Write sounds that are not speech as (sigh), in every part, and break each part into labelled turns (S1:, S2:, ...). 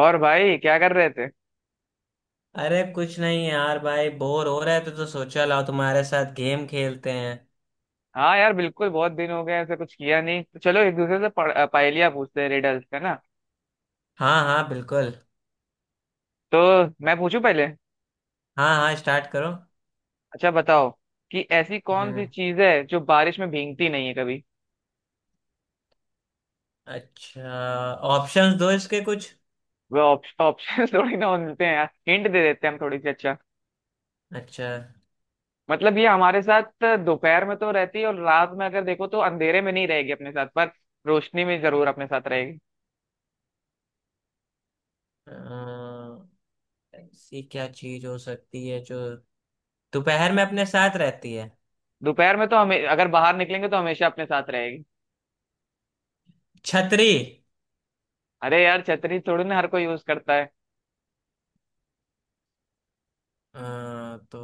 S1: और भाई क्या कर रहे थे?
S2: अरे कुछ नहीं यार, भाई बोर हो रहे थे तो सोचा लाओ तुम्हारे साथ गेम खेलते हैं।
S1: हाँ यार, बिल्कुल। बहुत दिन हो गए ऐसा कुछ किया नहीं, तो चलो एक दूसरे से पहेलियाँ पूछते हैं, रिडल्स का ना।
S2: हाँ हाँ बिल्कुल।
S1: तो मैं पूछूं पहले।
S2: हाँ हाँ, स्टार्ट करो।
S1: अच्छा बताओ कि ऐसी कौन सी
S2: हम्म।
S1: चीज है जो बारिश में भीगती नहीं है कभी?
S2: अच्छा, ऑप्शंस दो इसके कुछ।
S1: वह ऑप्शन (laughs) थोड़ी ना मिलते हैं यार, हिंट दे देते हैं हम थोड़ी सी। अच्छा।
S2: अच्छा।
S1: मतलब ये हमारे साथ दोपहर में तो रहती है, और रात में अगर देखो तो अंधेरे में नहीं रहेगी अपने साथ, पर रोशनी में जरूर अपने साथ रहेगी।
S2: अ, ऐसी क्या चीज हो सकती है जो दोपहर में अपने साथ रहती है।
S1: दोपहर में तो हमें अगर बाहर निकलेंगे तो हमेशा अपने साथ रहेगी।
S2: छतरी।
S1: अरे यार, छतरी थोड़ी ना हर कोई यूज करता है।
S2: अ, तो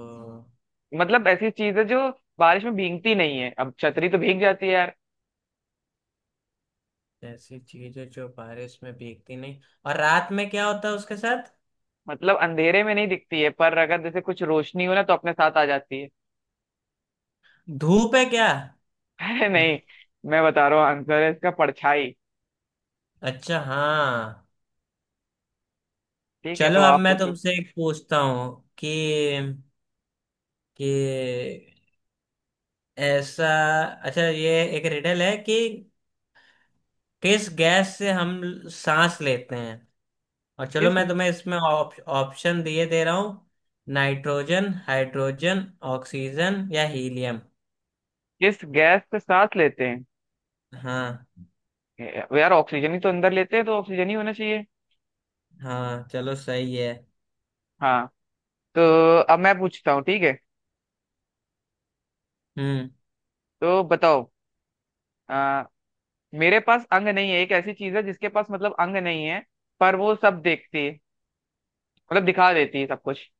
S1: मतलब ऐसी चीज है जो बारिश में भीगती नहीं है, अब छतरी तो भीग जाती है यार।
S2: ऐसी चीज है जो बारिश में भीगती नहीं, और रात में क्या होता है उसके साथ।
S1: मतलब अंधेरे में नहीं दिखती है, पर अगर जैसे कुछ रोशनी हो ना तो अपने साथ आ जाती है।
S2: धूप है क्या।
S1: (laughs) अरे नहीं, मैं बता रहा हूँ आंसर है इसका, परछाई।
S2: अच्छा हाँ।
S1: ठीक है,
S2: चलो
S1: तो
S2: अब
S1: आप
S2: मैं
S1: पूछो।
S2: तुमसे एक पूछता हूँ कि ऐसा। अच्छा, ये एक रिडल है कि किस गैस से हम सांस लेते हैं, और चलो
S1: किस
S2: मैं तुम्हें इसमें ऑप्शन दिए दे रहा हूँ। नाइट्रोजन, हाइड्रोजन, ऑक्सीजन या हीलियम।
S1: किस गैस को साथ लेते हैं?
S2: हाँ,
S1: यार ऑक्सीजन ही तो अंदर लेते हैं, तो ऑक्सीजन ही होना चाहिए।
S2: हाँ चलो सही है।
S1: हाँ। तो अब मैं पूछता हूँ, ठीक है।
S2: हम्म।
S1: तो बताओ। आ, मेरे पास अंग नहीं है, एक ऐसी चीज है जिसके पास मतलब अंग नहीं है, पर वो सब देखती है, मतलब दिखा देती है सब कुछ।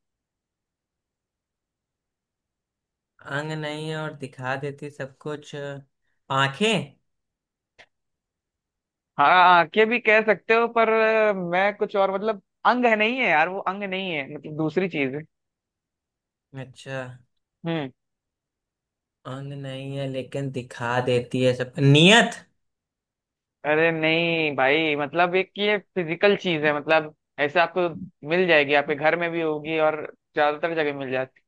S2: अंग नहीं है और दिखा देती सब कुछ। आंखें।
S1: हाँ, आंखें भी कह सकते हो पर मैं कुछ और, मतलब अंग है नहीं है यार, वो अंग नहीं है, मतलब दूसरी चीज है।
S2: अच्छा,
S1: हम्म।
S2: अंग नहीं है लेकिन दिखा देती है सब नियत।
S1: अरे नहीं भाई, मतलब एक ये फिजिकल चीज है, मतलब ऐसे आपको मिल जाएगी, आपके घर में भी होगी और ज्यादातर जगह मिल जाती।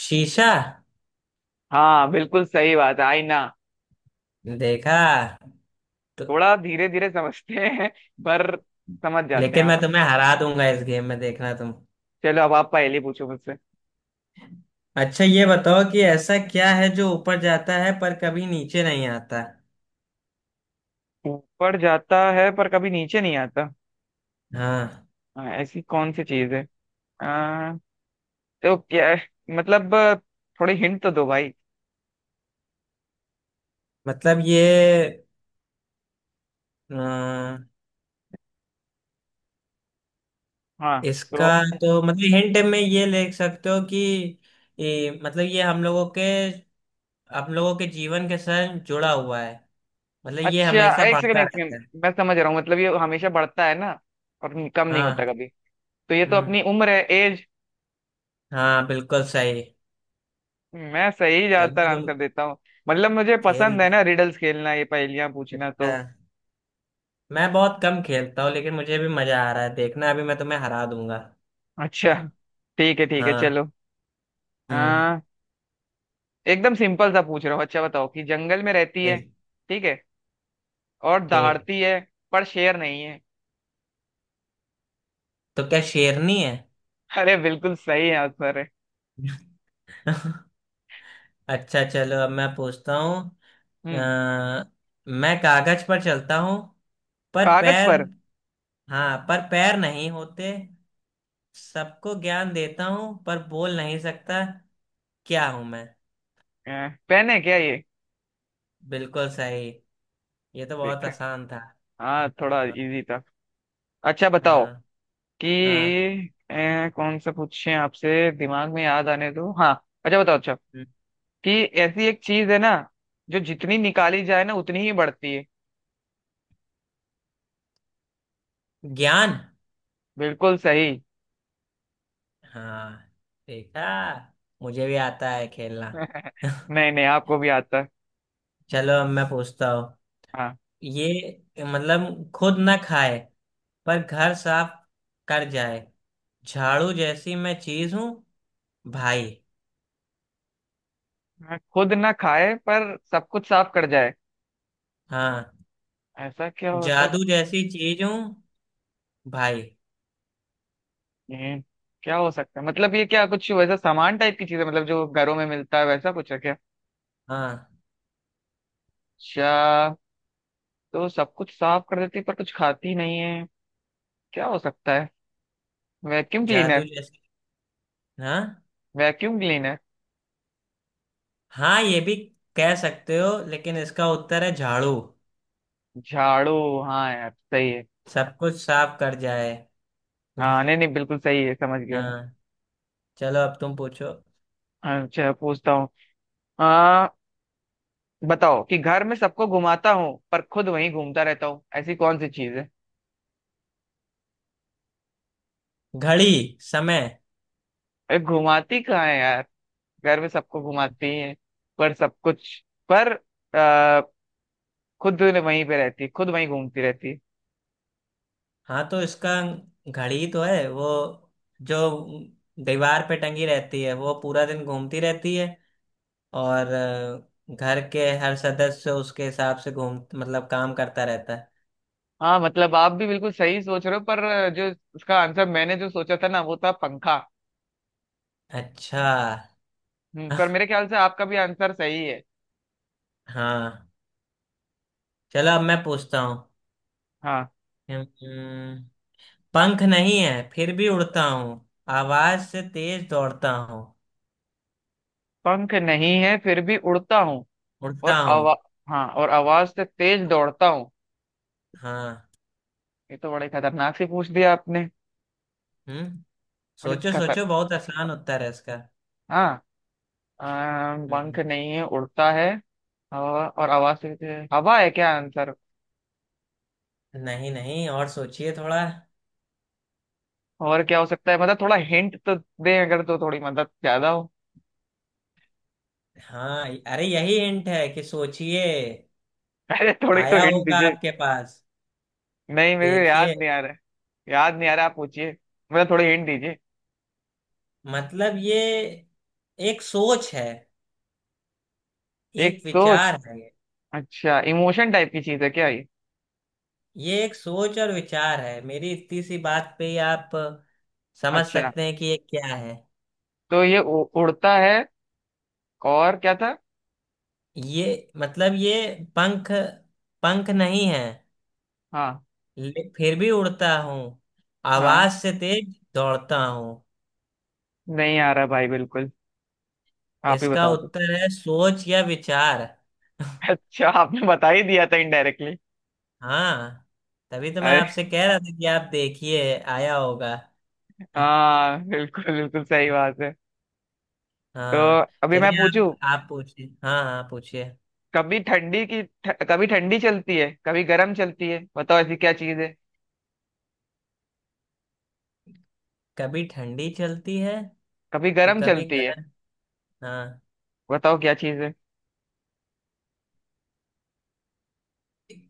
S2: शीशा।
S1: हाँ बिल्कुल सही बात है, आईना।
S2: देखा। तो
S1: थोड़ा धीरे धीरे समझते हैं, पर समझ जाते हैं
S2: लेकिन
S1: आप।
S2: मैं तुम्हें हरा दूंगा इस गेम में, देखना तुम।
S1: चलो अब आप पहले पूछो मुझसे।
S2: अच्छा, ये बताओ कि ऐसा क्या है जो ऊपर जाता है पर कभी नीचे नहीं आता।
S1: ऊपर जाता है पर कभी नीचे नहीं आता।
S2: हाँ
S1: हाँ, ऐसी कौन सी चीज है? तो क्या, मतलब थोड़े हिंट तो दो भाई।
S2: मतलब ये अ,
S1: हाँ।
S2: इसका
S1: तो
S2: तो मतलब हिंट में ये लिख सकते हो कि मतलब ये हम लोगों के जीवन के साथ जुड़ा हुआ है, मतलब ये
S1: अच्छा,
S2: हमेशा
S1: एक सेकंड
S2: बढ़ता
S1: एक
S2: रहता
S1: सेकंड,
S2: है।
S1: मैं समझ रहा हूँ। मतलब ये हमेशा बढ़ता है ना, और कम नहीं होता
S2: हाँ।
S1: कभी। तो ये तो
S2: हम्म।
S1: अपनी उम्र है, एज।
S2: हाँ बिल्कुल सही।
S1: मैं सही
S2: चलो
S1: ज्यादातर
S2: तुम
S1: आंसर देता हूँ। मतलब मुझे
S2: खेल
S1: पसंद है
S2: रहे
S1: ना रिडल्स खेलना, ये पहेलियां पूछना तो।
S2: अच्छा, मैं बहुत कम खेलता हूँ लेकिन मुझे भी मजा आ रहा है, देखना अभी मैं तुम्हें हरा दूंगा।
S1: अच्छा, ठीक है
S2: हाँ।
S1: चलो।
S2: हम्म।
S1: आ, एकदम सिंपल सा पूछ रहा हूँ। अच्छा बताओ कि जंगल में रहती है।
S2: ठीक।
S1: ठीक है, और
S2: ठीक।
S1: दहाड़ती है, पर शेर नहीं है।
S2: तो क्या शेरनी है।
S1: अरे बिल्कुल सही आंसर है।
S2: (laughs) अच्छा चलो अब मैं पूछता हूँ। अ,
S1: हम्म।
S2: मैं कागज पर चलता हूँ पर
S1: कागज
S2: पैर
S1: पर?
S2: हाँ, पर पैर नहीं होते। सबको ज्ञान देता हूँ पर बोल नहीं सकता। क्या हूँ मैं।
S1: पेन है क्या ये?
S2: बिल्कुल सही। ये तो बहुत
S1: देख।
S2: आसान था।
S1: हाँ थोड़ा
S2: हाँ।
S1: इजी था। अच्छा बताओ
S2: हाँ।
S1: कि
S2: हाँ।
S1: कौन सा पूछें आपसे, दिमाग में याद आने दो। हाँ अच्छा बताओ, अच्छा कि ऐसी एक चीज है ना, जो जितनी निकाली जाए ना उतनी ही बढ़ती है।
S2: ज्ञान।
S1: बिल्कुल सही।
S2: हाँ। देखा, मुझे भी आता है खेलना।
S1: (laughs)
S2: (laughs)
S1: नहीं नहीं, आपको भी आता है।
S2: चलो अब मैं पूछता हूँ।
S1: हाँ।
S2: ये मतलब खुद ना खाए पर घर साफ कर जाए। झाड़ू जैसी मैं चीज हूँ, भाई।
S1: हाँ, खुद ना खाए पर सब कुछ साफ कर जाए,
S2: हाँ।
S1: ऐसा क्या होता है?
S2: जादू जैसी चीज हूँ, भाई।
S1: हम्म, क्या हो सकता है, मतलब ये क्या कुछ वैसा सामान टाइप की चीज है, मतलब जो घरों में मिलता है वैसा कुछ है क्या?
S2: हाँ।
S1: अच्छा, तो सब कुछ साफ कर देती पर कुछ खाती नहीं है। क्या हो सकता है? वैक्यूम
S2: जादू
S1: क्लीनर?
S2: जैसी। हाँ,
S1: वैक्यूम क्लीनर।
S2: हाँ ये भी कह सकते हो लेकिन इसका उत्तर है झाड़ू।
S1: झाड़ू? हाँ यार सही है।
S2: सब कुछ साफ कर जाए। (laughs)
S1: हाँ नहीं नहीं, बिल्कुल सही है, समझ गया मैं।
S2: हाँ। चलो अब तुम पूछो।
S1: अच्छा, पूछता हूँ। आ बताओ कि घर में सबको घुमाता हूँ, पर खुद वहीं घूमता रहता हूँ, ऐसी कौन सी चीज है?
S2: घड़ी, समय।
S1: अरे घुमाती कहाँ है यार। घर में सबको घुमाती है, पर सब कुछ, पर आ, खुद वहीं पे रहती, खुद वहीं घूमती रहती।
S2: हाँ तो इसका, घड़ी तो है वो जो दीवार पे टंगी रहती है, वो पूरा दिन घूमती रहती है, और घर के हर सदस्य उसके हिसाब से घूम, मतलब काम करता रहता है।
S1: हाँ मतलब आप भी बिल्कुल सही सोच रहे हो, पर जो उसका आंसर मैंने जो सोचा था ना, वो था पंखा।
S2: अच्छा।
S1: पर
S2: (laughs)
S1: मेरे ख्याल से आपका भी आंसर सही है।
S2: हाँ। चलो अब मैं पूछता हूँ।
S1: हाँ।
S2: हम्म, पंख नहीं है फिर भी उड़ता हूँ, आवाज से तेज दौड़ता हूँ।
S1: पंख नहीं है फिर भी उड़ता हूँ,
S2: उड़ता
S1: और आवा
S2: हूँ।
S1: हाँ और आवाज से तेज दौड़ता हूँ।
S2: हाँ।
S1: ये तो बड़े खतरनाक से पूछ दिया आपने।
S2: हम्म।
S1: बड़ी
S2: सोचो
S1: खतर
S2: सोचो, बहुत आसान उत्तर है इसका।
S1: हाँ।
S2: हम्म।
S1: पंख नहीं है, उड़ता है, और आवाज से हवा है क्या आंसर?
S2: नहीं नहीं, और सोचिए थोड़ा।
S1: और क्या हो सकता है, मतलब थोड़ा हिंट तो दें अगर तो थोड़ी मदद ज्यादा हो।
S2: हाँ अरे, यही हिंट है कि सोचिए।
S1: (laughs) अरे थोड़ी तो
S2: आया
S1: हिंट
S2: होगा
S1: दीजिए।
S2: आपके पास।
S1: नहीं, मेरे को याद
S2: देखिए,
S1: नहीं आ रहा है। याद नहीं आ रहा, आप पूछिए, मतलब थोड़े हिंट दीजिए।
S2: मतलब ये एक सोच है,
S1: एक
S2: एक
S1: सोच?
S2: विचार है।
S1: अच्छा, इमोशन टाइप की चीज है क्या ये?
S2: ये एक सोच और विचार है। मेरी इतनी सी बात पे ही आप समझ
S1: अच्छा,
S2: सकते हैं कि ये क्या है।
S1: तो ये उड़ता है, और क्या था?
S2: ये मतलब ये पंख, पंख नहीं है,
S1: हाँ।
S2: फिर भी उड़ता हूँ,
S1: हाँ
S2: आवाज से तेज दौड़ता हूँ।
S1: नहीं आ रहा भाई बिल्कुल, आप ही
S2: इसका
S1: बता दो।
S2: उत्तर है सोच या विचार।
S1: अच्छा, आपने बता ही दिया था इनडायरेक्टली।
S2: हाँ, तभी तो मैं
S1: अरे
S2: आपसे कह रहा था कि आप देखिए, आया होगा। (laughs)
S1: हाँ, बिल्कुल बिल्कुल सही बात है। तो
S2: हाँ।
S1: अभी मैं
S2: चलिए
S1: पूछूं?
S2: आप पूछिए, हाँ हाँ पूछिए।
S1: कभी ठंडी चलती है, कभी गर्म चलती है, बताओ ऐसी क्या चीज है?
S2: कभी ठंडी चलती है
S1: कभी
S2: तो
S1: गर्म
S2: कभी
S1: चलती है,
S2: गर्म। हाँ।
S1: बताओ क्या चीज है?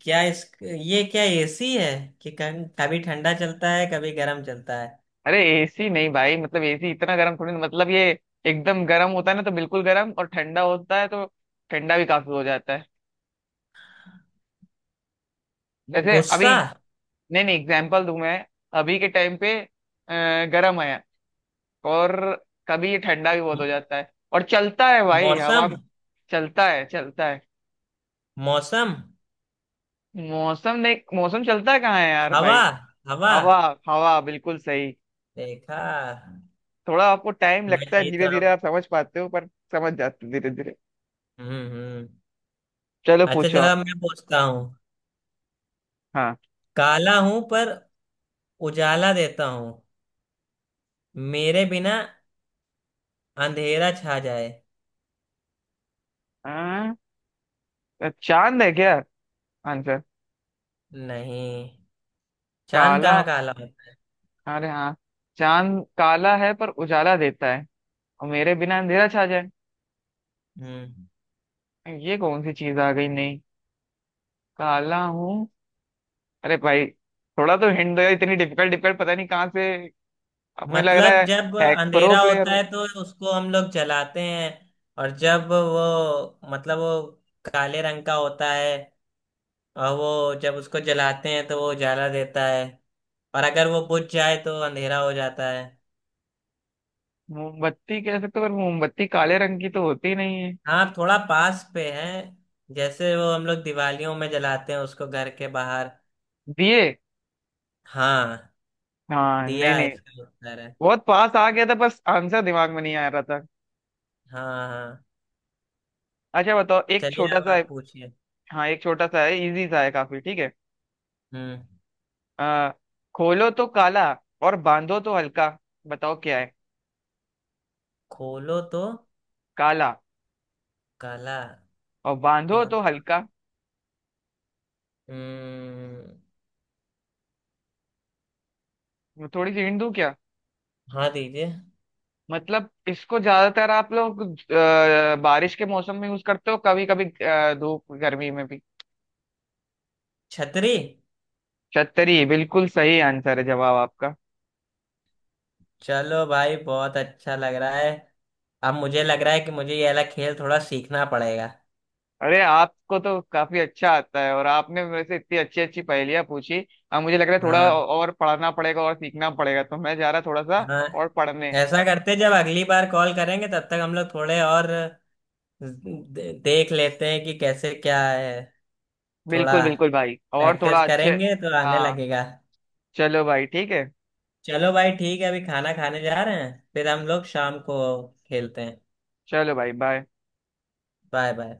S2: क्या इस, ये क्या एसी है कि कभी कभी ठंडा चलता है कभी गर्म चलता है।
S1: अरे एसी नहीं भाई, मतलब एसी इतना गर्म थोड़ी ना, मतलब ये एकदम गर्म होता है ना तो बिल्कुल गर्म, और ठंडा होता है तो ठंडा भी काफी हो जाता है, जैसे अभी।
S2: गुस्सा।
S1: नहीं नहीं, एग्जाम्पल दूं मैं। अभी के टाइम पे गर्म है। और कभी ये ठंडा भी बहुत
S2: म-
S1: हो जाता है, और चलता है भाई,
S2: मौसम।
S1: हवा। चलता है, चलता है।
S2: मौसम।
S1: मौसम नहीं, मौसम चलता कहाँ है यार
S2: हवा।
S1: भाई।
S2: हवा।
S1: हवा। हवा, बिल्कुल सही।
S2: देखा,
S1: थोड़ा आपको टाइम
S2: मैं
S1: लगता है,
S2: जीत
S1: धीरे
S2: रहा
S1: धीरे
S2: हूँ।
S1: आप समझ पाते हो, पर समझ जाते हो धीरे धीरे।
S2: हम्म।
S1: चलो
S2: अच्छा
S1: पूछो
S2: चलो
S1: आप।
S2: अब मैं पूछता हूँ।
S1: हाँ,
S2: काला हूं पर उजाला देता हूँ, मेरे बिना अंधेरा छा जाए।
S1: हाँ, चांद है क्या आंसर?
S2: नहीं, चांद
S1: काला?
S2: कहाँ काला होता
S1: अरे हाँ, चांद काला है पर उजाला देता है, और मेरे बिना अंधेरा छा जाए।
S2: है। हम्म।
S1: ये कौन सी चीज आ गई? नहीं, काला हूँ। अरे भाई, थोड़ा तो हिंट दो यार, इतनी डिफिकल्ट डिफिकल्ट पता नहीं कहाँ से हमें लग रहा
S2: मतलब
S1: है।
S2: जब
S1: हैक प्रो
S2: अंधेरा
S1: प्लेयर
S2: होता
S1: हो।
S2: है तो उसको हम लोग जलाते हैं, और जब वो, मतलब वो काले रंग का होता है, और वो जब उसको जलाते हैं तो वो उजाला देता है, और अगर वो बुझ जाए तो अंधेरा हो जाता है।
S1: मोमबत्ती कह सकते हो पर मोमबत्ती काले रंग की तो होती नहीं है।
S2: हाँ थोड़ा पास पे है, जैसे वो हम लोग दिवालियों में जलाते हैं उसको घर के बाहर।
S1: दिए?
S2: हाँ,
S1: हाँ नहीं
S2: दिया
S1: नहीं,
S2: इसका उत्तर है।
S1: बहुत पास आ गया था बस आंसर दिमाग में नहीं आ रहा था।
S2: हाँ हाँ।
S1: अच्छा बताओ, एक
S2: चलिए
S1: छोटा
S2: अब
S1: सा।
S2: आप पूछिए।
S1: हाँ, एक छोटा सा है, इजी सा है काफी, ठीक है।
S2: हम्म।
S1: आ, खोलो तो काला, और बांधो तो हल्का, बताओ क्या है?
S2: खोलो तो
S1: काला।
S2: काला
S1: और बांधो
S2: और।
S1: तो हल्का।
S2: हम्म।
S1: मैं थोड़ी सी हिंट दूं क्या?
S2: हाँ दीजिए।
S1: मतलब इसको ज्यादातर आप लोग बारिश के मौसम में यूज करते हो कभी कभी, धूप गर्मी में भी।
S2: छतरी।
S1: छतरी, बिल्कुल सही आंसर है जवाब आपका।
S2: चलो भाई बहुत अच्छा लग रहा है। अब मुझे लग रहा है कि मुझे ये वाला खेल थोड़ा सीखना पड़ेगा।
S1: अरे आपको तो काफी अच्छा आता है, और आपने मेरे से इतनी अच्छी अच्छी पहेलियां पूछी। अब मुझे लग रहा है थोड़ा
S2: हाँ।
S1: और पढ़ना पड़ेगा और सीखना पड़ेगा, तो मैं जा रहा थोड़ा सा
S2: हाँ,
S1: और पढ़ने।
S2: ऐसा करते जब अगली बार कॉल करेंगे तब तक हम लोग थोड़े और देख लेते हैं कि कैसे क्या है। थोड़ा
S1: बिल्कुल बिल्कुल भाई, और
S2: प्रैक्टिस
S1: थोड़ा अच्छे।
S2: करेंगे तो आने
S1: हाँ
S2: लगेगा।
S1: चलो भाई ठीक है।
S2: चलो भाई ठीक है, अभी खाना खाने जा रहे हैं फिर हम लोग शाम को खेलते हैं।
S1: चलो भाई बाय।
S2: Bye bye.